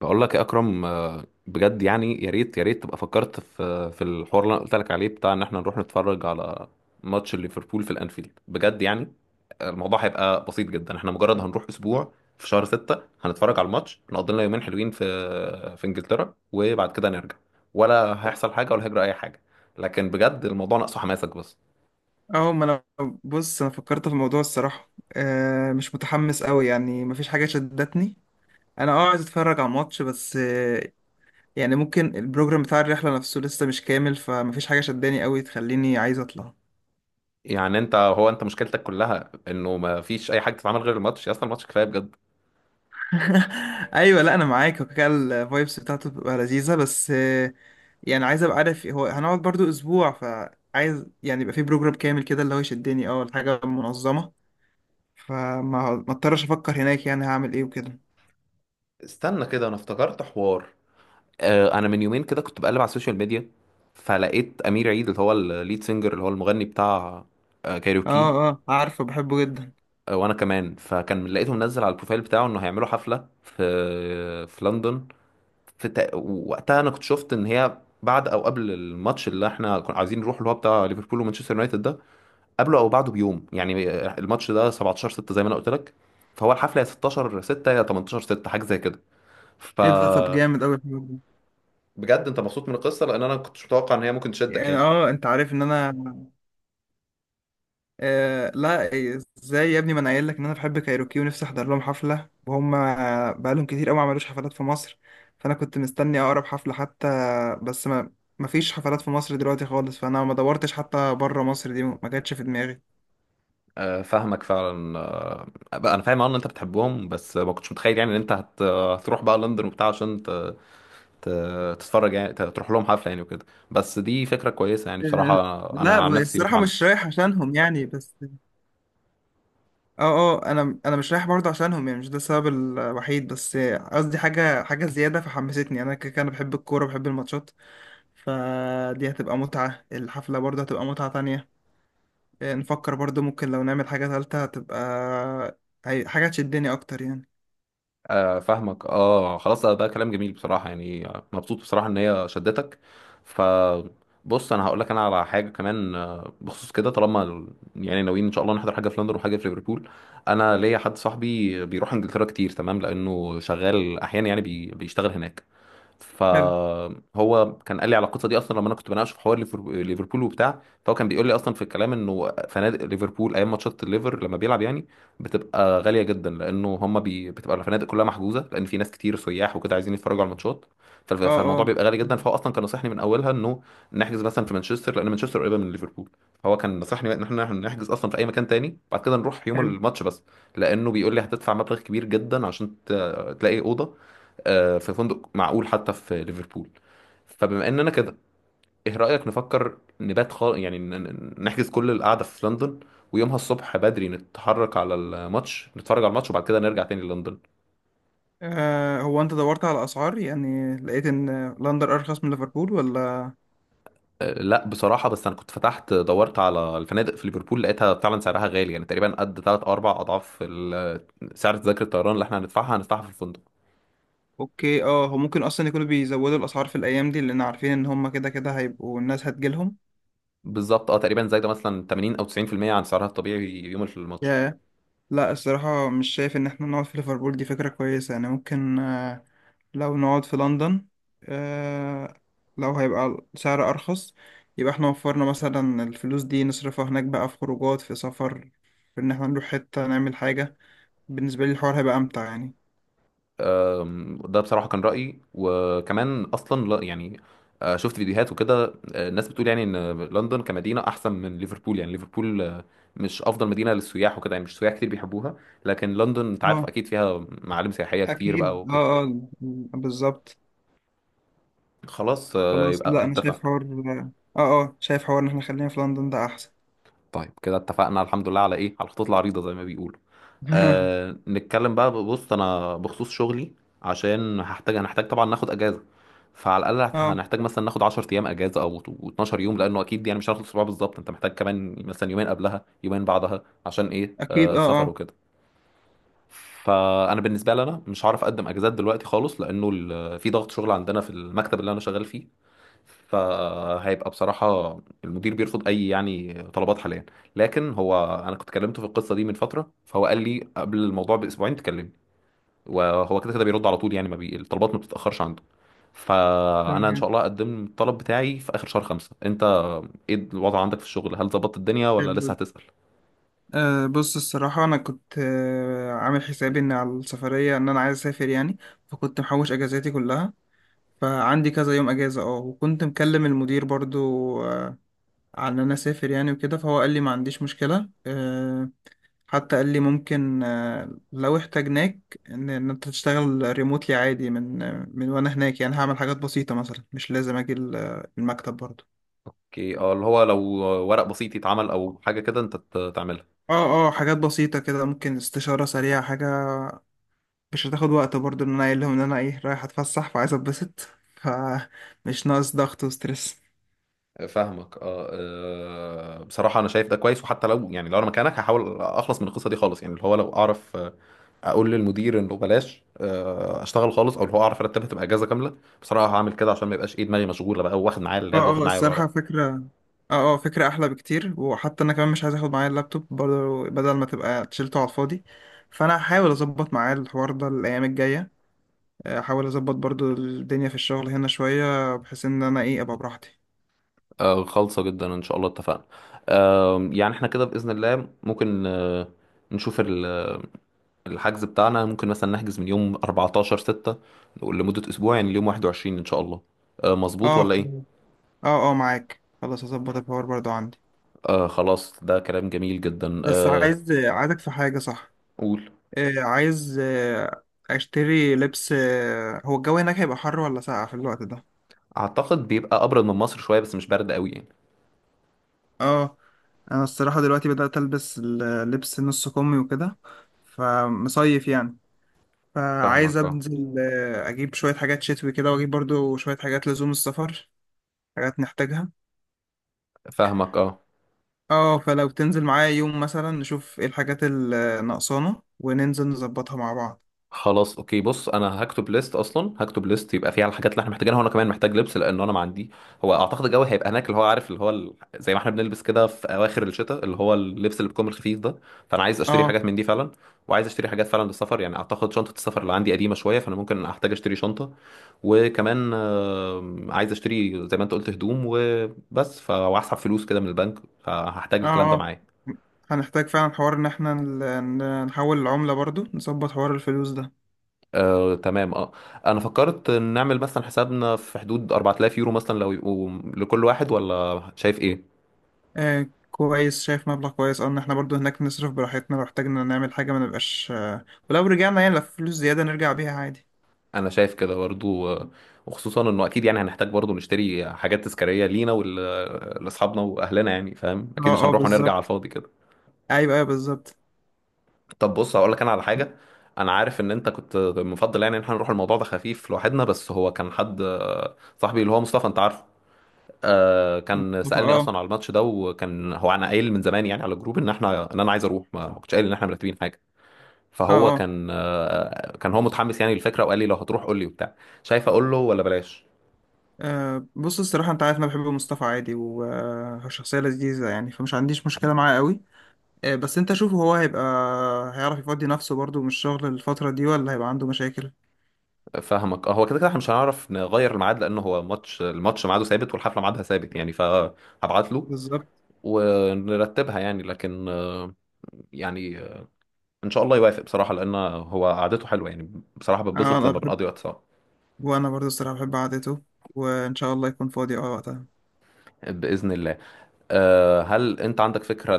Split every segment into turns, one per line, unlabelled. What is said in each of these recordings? بقول لك يا اكرم، بجد يعني يا ريت تبقى فكرت في الحوار اللي انا قلت لك عليه، بتاع ان احنا نروح نتفرج على ماتش ليفربول في الانفيلد. بجد يعني الموضوع هيبقى بسيط جدا. احنا مجرد هنروح اسبوع في شهر ستة، هنتفرج على الماتش، نقضي لنا يومين حلوين في انجلترا، وبعد كده نرجع. ولا هيحصل حاجة، ولا هيجرى اي حاجة، لكن بجد الموضوع ناقصه حماسك بس.
اه، ما انا بص، انا فكرت في الموضوع الصراحه، مش متحمس قوي، يعني مفيش حاجه شدتني. انا، عايز اتفرج على الماتش بس. يعني ممكن البروجرام بتاع الرحله نفسه لسه مش كامل، فمفيش حاجه شداني قوي تخليني عايز اطلع.
يعني انت مشكلتك كلها انه ما فيش اي حاجة تتعمل غير الماتش. يا اسطى، الماتش كفاية بجد.
ايوه، لا، انا معاك، وكده الفايبس بتاعته بتبقى لذيذه، بس يعني عايز ابقى عارف هو هنقعد برضو اسبوع، فعايز يعني يبقى في بروجرام كامل كده اللي هو يشدني، الحاجه منظمه، فما ما اضطرش افكر هناك يعني هعمل ايه وكده.
استنى كده، انا افتكرت حوار. انا من يومين كده كنت بقلب على السوشيال ميديا، فلقيت امير عيد، اللي هو الليد سينجر اللي هو المغني بتاع
اه
كايروكي.
اه، عارفه، بحبه جدا.
وانا كمان، فكان لقيته منزل على البروفايل بتاعه انه هيعملوا حفله في لندن. وقتها انا كنت شفت ان هي بعد او قبل الماتش اللي احنا كنا عايزين نروح، اللي هو بتاع ليفربول ومانشستر يونايتد ده، قبله او بعده بيوم يعني. الماتش ده 17 6 زي ما انا قلت لك، فهو الحفله يا 16 6 يا 18 6، حاجه زي كده. ف
ايه ده؟ طب جامد اوي الحوار ده.
بجد انت مبسوط من القصه، لان انا كنتش متوقع ان هي ممكن تشدك
يعني،
يعني.
انت عارف ان انا... لا، إيه، ازاي يا ابني؟ ما انا قايل لك ان انا بحب كايروكي ونفسي احضر لهم حفله، وهم بقالهم كتير قوي ما عملوش حفلات في مصر، فانا كنت مستني اقرب حفله حتى. بس ما ما فيش حفلات في مصر دلوقتي خالص، فانا ما دورتش، حتى بره مصر دي ما جاتش في دماغي.
فاهمك فعلا. بقى انا فاهم، اه، ان انت بتحبهم، بس ما كنتش متخيل يعني ان انت هتروح بقى لندن وبتاع عشان ت... تتفرج يعني، تروح لهم حفله يعني، وكده. بس دي فكره كويسه يعني بصراحه.
آه، لا،
انا عن نفسي
الصراحه مش
متحمس.
رايح عشانهم يعني، بس... اه اه، انا مش رايح برضه عشانهم يعني، مش ده السبب الوحيد، بس قصدي حاجه زياده فحمستني يعني. انا كده كده انا بحب الكوره، بحب الماتشات، فدي هتبقى متعه، الحفله برضه هتبقى متعه تانية. نفكر برضه ممكن لو نعمل حاجه ثالثه هتبقى حاجه تشدني اكتر يعني.
فاهمك اه. خلاص، ده كلام جميل بصراحة، يعني مبسوط بصراحة ان هي شدتك. ف بص انا هقول لك انا على حاجه كمان. بخصوص كده، طالما يعني ناويين ان شاء الله نحضر حاجه في لندن وحاجه في ليفربول، انا ليا حد صاحبي بيروح انجلترا كتير، تمام، لانه شغال احيانا يعني، بيشتغل هناك.
حلو،
فهو كان قال لي على القصه دي اصلا، لما انا كنت بناقشه في حوار ليفربول وبتاع، فهو كان بيقول لي اصلا في الكلام انه فنادق ليفربول ايام ماتشات الليفر، لما بيلعب يعني، بتبقى غاليه جدا، لانه هم بتبقى الفنادق كلها محجوزه، لان في ناس كتير سياح وكده عايزين يتفرجوا على الماتشات.
اه
فالموضوع
اه،
بيبقى غالي جدا. فهو اصلا كان نصحني من اولها انه نحجز مثلا في مانشستر، لان مانشستر قريبه من ليفربول. فهو كان نصحني ان احنا نحجز اصلا في اي مكان تاني، بعد كده نروح يوم
حلو.
الماتش بس. لانه بيقول لي هتدفع مبلغ كبير جدا عشان تلاقي اوضه في فندق معقول حتى في ليفربول. فبما اننا كده، ايه رأيك نفكر نبات خالص يعني، نحجز كل القعدة في لندن، ويومها الصبح بدري نتحرك على الماتش، نتفرج على الماتش وبعد كده نرجع تاني لندن.
هو انت دورت على اسعار؟ يعني لقيت ان لندن ارخص من ليفربول ولا؟
أه لا، بصراحة، بس انا كنت فتحت دورت على الفنادق في ليفربول، لقيتها فعلا سعرها غالي، يعني تقريبا قد 3 او 4 اضعاف سعر تذاكر الطيران اللي احنا هندفعها في الفندق.
اوكي، هو ممكن اصلا يكونوا بيزودوا الاسعار في الايام دي، لان عارفين ان هم كده كده هيبقوا، الناس هتجيلهم.
بالظبط، اه، تقريبا زي ده مثلا 80 او 90% عن سعرها الطبيعي يوم الماتش.
لا، الصراحة مش شايف إن إحنا نقعد في ليفربول دي فكرة كويسة، يعني ممكن لو نقعد في لندن آه، لو هيبقى سعر أرخص، يبقى إحنا وفرنا مثلا الفلوس دي، نصرفها هناك بقى في خروجات، في سفر، في إن إحنا نروح حتة نعمل حاجة. بالنسبة لي الحوار هيبقى أمتع يعني.
ده بصراحة كان رأيي، وكمان أصلا لا يعني، شفت فيديوهات وكده، الناس بتقول يعني إن لندن كمدينة أحسن من ليفربول، يعني ليفربول مش أفضل مدينة للسياح وكده، يعني مش سياح كتير بيحبوها، لكن لندن أنت عارف
اه،
أكيد فيها معالم سياحية كتير بقى
أكيد،
وكده.
اه اه، بالظبط.
خلاص،
خلاص، لا،
يبقى
أنا
اتفقنا.
شايف حوار. اه شايف حوار إن إحنا خلينا في لندن ده أحسن.
طيب كده اتفقنا الحمد لله، على إيه، على الخطوط العريضة زي ما بيقولوا. نتكلم بقى. بص انا بخصوص شغلي، عشان هنحتاج طبعا ناخد اجازه. فعلى الاقل
اه،
هنحتاج مثلا ناخد 10 ايام اجازه او 12 يوم، لانه اكيد يعني مش هناخد اسبوع بالظبط، انت محتاج كمان مثلا يومين قبلها يومين بعدها، عشان ايه،
أكيد، اه
سفر
اه،
وكده. فانا بالنسبه لي، انا مش هعرف اقدم اجازات دلوقتي خالص، لانه في ضغط شغل عندنا في المكتب اللي انا شغال فيه. فهيبقى بصراحه المدير بيرفض اي يعني طلبات حاليا. لكن هو انا كنت كلمته في القصه دي من فتره، فهو قال لي قبل الموضوع باسبوعين تكلمني. وهو كده كده بيرد على طول، يعني ما بي... الطلبات ما بتتأخرش عنده. فأنا إن شاء
تمام.
الله أقدم الطلب بتاعي في آخر شهر خمسة. أنت إيه الوضع عندك في الشغل؟ هل ظبطت الدنيا ولا لسه هتسأل؟
بص، الصراحة أنا كنت عامل حسابي إن على السفرية إن أنا عايز أسافر يعني، فكنت محوش أجازاتي كلها، فعندي كذا يوم أجازة. وكنت مكلم المدير برضو، أه على إن أنا أسافر يعني وكده، فهو قال لي ما عنديش مشكلة. حتى قال لي ممكن، لو احتاجناك، إن أنت تشتغل ريموتلي عادي، من وأنا هناك يعني، هعمل حاجات بسيطة مثلا، مش لازم أجي المكتب برضو.
اوكي، اه، اللي هو لو ورق بسيط يتعمل او حاجه كده انت تعملها.
اه اه، حاجات بسيطة كده، ممكن استشارة سريعة، حاجة مش هتاخد وقت برضو، ان انا قايل لهم ان انا رايح اتفسح، فعايز اتبسط، فمش ناقص ضغط وستريس.
فاهمك، اه. بصراحه انا شايف ده كويس، وحتى لو يعني لو انا مكانك هحاول اخلص من القصه دي خالص، يعني اللي هو لو اعرف اقول للمدير انه بلاش اشتغل خالص، او اللي هو اعرف ارتبها تبقى اجازه كامله. بصراحه هعمل كده عشان ما يبقاش، ايه، دماغي مشغوله بقى واخد معايا
اه
اللاب واخد
اه،
معايا
الصراحة
الورق.
فكرة. اه اه، فكرة احلى بكتير. وحتى انا كمان مش عايز اخد معايا اللابتوب برضو، بدل ما تبقى شيلته على الفاضي، فانا هحاول اظبط معايا الحوار ده الايام الجاية، احاول اظبط برضو الدنيا في الشغل هنا شوية، بحيث ان انا ابقى براحتي.
خالصة جدا ان شاء الله. اتفقنا. يعني احنا كده بإذن الله ممكن نشوف الحجز بتاعنا. ممكن مثلا نحجز من يوم 14 6 لمدة اسبوع، يعني اليوم 21 ان شاء الله. مظبوط
اه،
ولا ايه؟
خلاص. اه اه، معاك، خلاص هظبط الحوار برضو عندي.
خلاص، ده كلام جميل جدا.
بس عايزك في حاجة، صح؟
قول.
عايز اشتري لبس. هو الجو هناك هيبقى حر ولا ساقع في الوقت ده؟
اعتقد بيبقى ابرد من مصر شوية بس مش برد قوي يعني.
اه، انا الصراحة دلوقتي بدأت البس اللبس نص كمي وكده، فمصيف يعني، فعايز
فاهمك اه.
انزل اجيب شوية حاجات شتوي كده، واجيب برضو شوية حاجات لزوم السفر، حاجات نحتاجها.
فاهمك اه.
اه، فلو تنزل معايا يوم مثلا، نشوف ايه الحاجات اللي ناقصانا، وننزل نظبطها مع بعض.
خلاص اوكي. بص انا هكتب ليست، اصلا هكتب ليست يبقى فيها الحاجات اللي احنا محتاجينها، وانا كمان محتاج لبس لان انا ما عندي. هو اعتقد الجو هيبقى هناك اللي هو عارف اللي هو زي ما احنا بنلبس كده في اواخر الشتاء، اللي هو اللبس اللي بيكون الخفيف ده. فانا عايز اشتري
اه
حاجات من دي فعلا. وعايز اشتري حاجات فعلا للسفر يعني، اعتقد شنطه السفر اللي عندي قديمه شويه، فانا ممكن احتاج اشتري شنطه. وكمان عايز اشتري زي ما انت قلت هدوم وبس. وهسحب فلوس كده من البنك، فهحتاج
اه
الكلام ده
اه،
معايا.
هنحتاج فعلا حوار ان احنا نحول العملة برضو، نظبط حوار الفلوس ده.
تمام اه. انا فكرت نعمل مثلا حسابنا في حدود 4000 يورو مثلا لو يبقوا لكل واحد، ولا شايف ايه؟
كويس، شايف مبلغ كويس، اه، ان احنا برضو هناك نصرف براحتنا لو احتاجنا نعمل حاجة ما نبقاش. ولو رجعنا يعني، لو في فلوس زيادة نرجع بيها عادي.
انا شايف كده برضو. وخصوصا انه اكيد يعني هنحتاج برضو نشتري حاجات تذكارية لينا ولاصحابنا واهلنا يعني، فاهم اكيد مش
اه اه،
هنروح ونرجع على
بالظبط،
الفاضي كده.
ايوه ايوه، بالظبط.
طب بص هقول لك انا على حاجة. انا عارف ان انت كنت مفضل يعني ان احنا نروح الموضوع ده خفيف لوحدنا، بس هو كان حد صاحبي، اللي هو مصطفى، انت عارفه. كان
مصطفى،
سألني
اه
اصلا على الماتش ده، وكان هو انا قايل من زمان يعني على الجروب ان انا عايز اروح، ما كنتش قايل ان احنا مرتبين حاجه.
اه
فهو
اه.
كان هو متحمس يعني للفكره، وقال لي لو هتروح قول لي وبتاع. شايف اقول له ولا بلاش؟
بص، الصراحة انت عارف انا بحب مصطفى عادي، وهو شخصية لذيذة يعني، فمش عنديش مشكلة معاه قوي. بس انت شوف، هو هيبقى هيعرف يفضي نفسه برضو من الشغل الفترة دي، ولا هيبقى عنده مشاكل؟
فاهمك. هو كده كده احنا مش هنعرف نغير الميعاد، لان هو الماتش ميعاده ثابت، والحفله ميعادها ثابت يعني، فهبعت له
بالظبط.
ونرتبها يعني. لكن يعني ان شاء الله يوافق بصراحه، لان هو قعدته حلوه يعني، بصراحه
اه،
بتبسط
انا
لما
بحب،
بنقضي وقت سوا.
وانا برضه الصراحه بحب قعدته، وان شاء الله يكون فاضي وقتها.
باذن الله. هل انت عندك فكره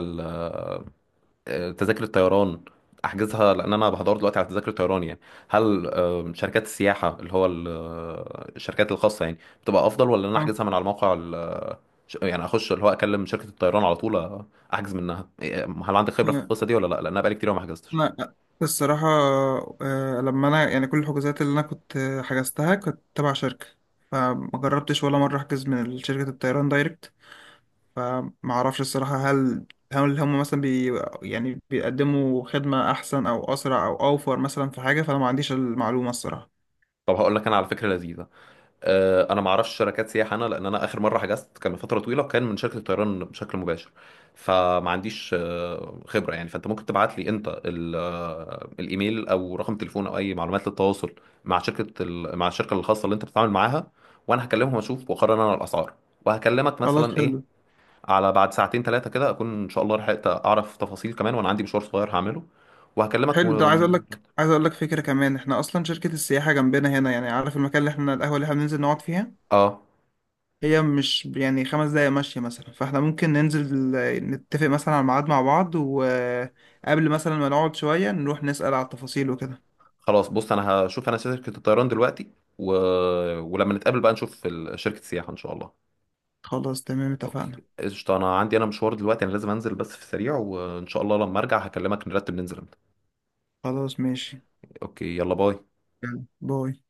تذاكر الطيران احجزها؟ لان انا بحضر دلوقتي على تذاكر الطيران يعني. هل شركات السياحه اللي هو الشركات الخاصه يعني بتبقى افضل، ولا ان انا
اه،
احجزها من على موقع يعني اخش اللي هو اكلم شركه الطيران على طول، احجز منها؟ إيه، هل عندك خبره في القصه دي ولا لا؟ لان انا بقالي كتير ما حجزتش.
انا الصراحه، لما انا يعني كل الحجوزات اللي انا كنت حجزتها كنت تبع شركه، فما جربتش ولا مره احجز من شركه الطيران دايركت، فما اعرفش الصراحه هل هم مثلا يعني بيقدموا خدمه احسن او اسرع او اوفر مثلا في حاجه؟ فانا ما عنديش المعلومه الصراحه.
طب هقول لك انا على فكره لذيذه. انا ما اعرفش شركات سياحه انا، لان انا اخر مره حجزت كان من فتره طويله وكان من شركه الطيران بشكل مباشر. فما عنديش خبره يعني. فانت ممكن تبعت لي انت الايميل او رقم تليفون او اي معلومات للتواصل مع الشركه الخاصه اللي انت بتتعامل معاها، وانا هكلمهم واشوف واقرر انا الاسعار، وهكلمك
خلاص،
مثلا، ايه،
حلو.
على بعد ساعتين ثلاثه كده، اكون ان شاء الله لحقت اعرف تفاصيل كمان. وانا عندي مشوار صغير هعمله وهكلمك
حلو، ده
و...
عايز اقول لك فكره كمان. احنا اصلا شركه السياحه جنبنا هنا يعني، عارف المكان، اللي احنا القهوه اللي احنا بننزل نقعد فيها،
اه
هي مش يعني 5 دقايق ماشيه مثلا. فاحنا ممكن ننزل نتفق مثلا على ميعاد مع بعض، وقبل مثلا ما نقعد شويه نروح نسال على التفاصيل وكده.
خلاص. بص انا هشوف انا شركة الطيران دلوقتي، و... ولما نتقابل بقى نشوف شركة السياحة ان شاء الله.
خلاص، تمام،
اوكي
اتفقنا.
قشطة، انا عندي مشوار دلوقتي، انا لازم انزل بس في السريع، وان شاء الله لما ارجع هكلمك نرتب ننزل امتى.
خلاص، ماشي.
اوكي، يلا، باي.
يلا، باي.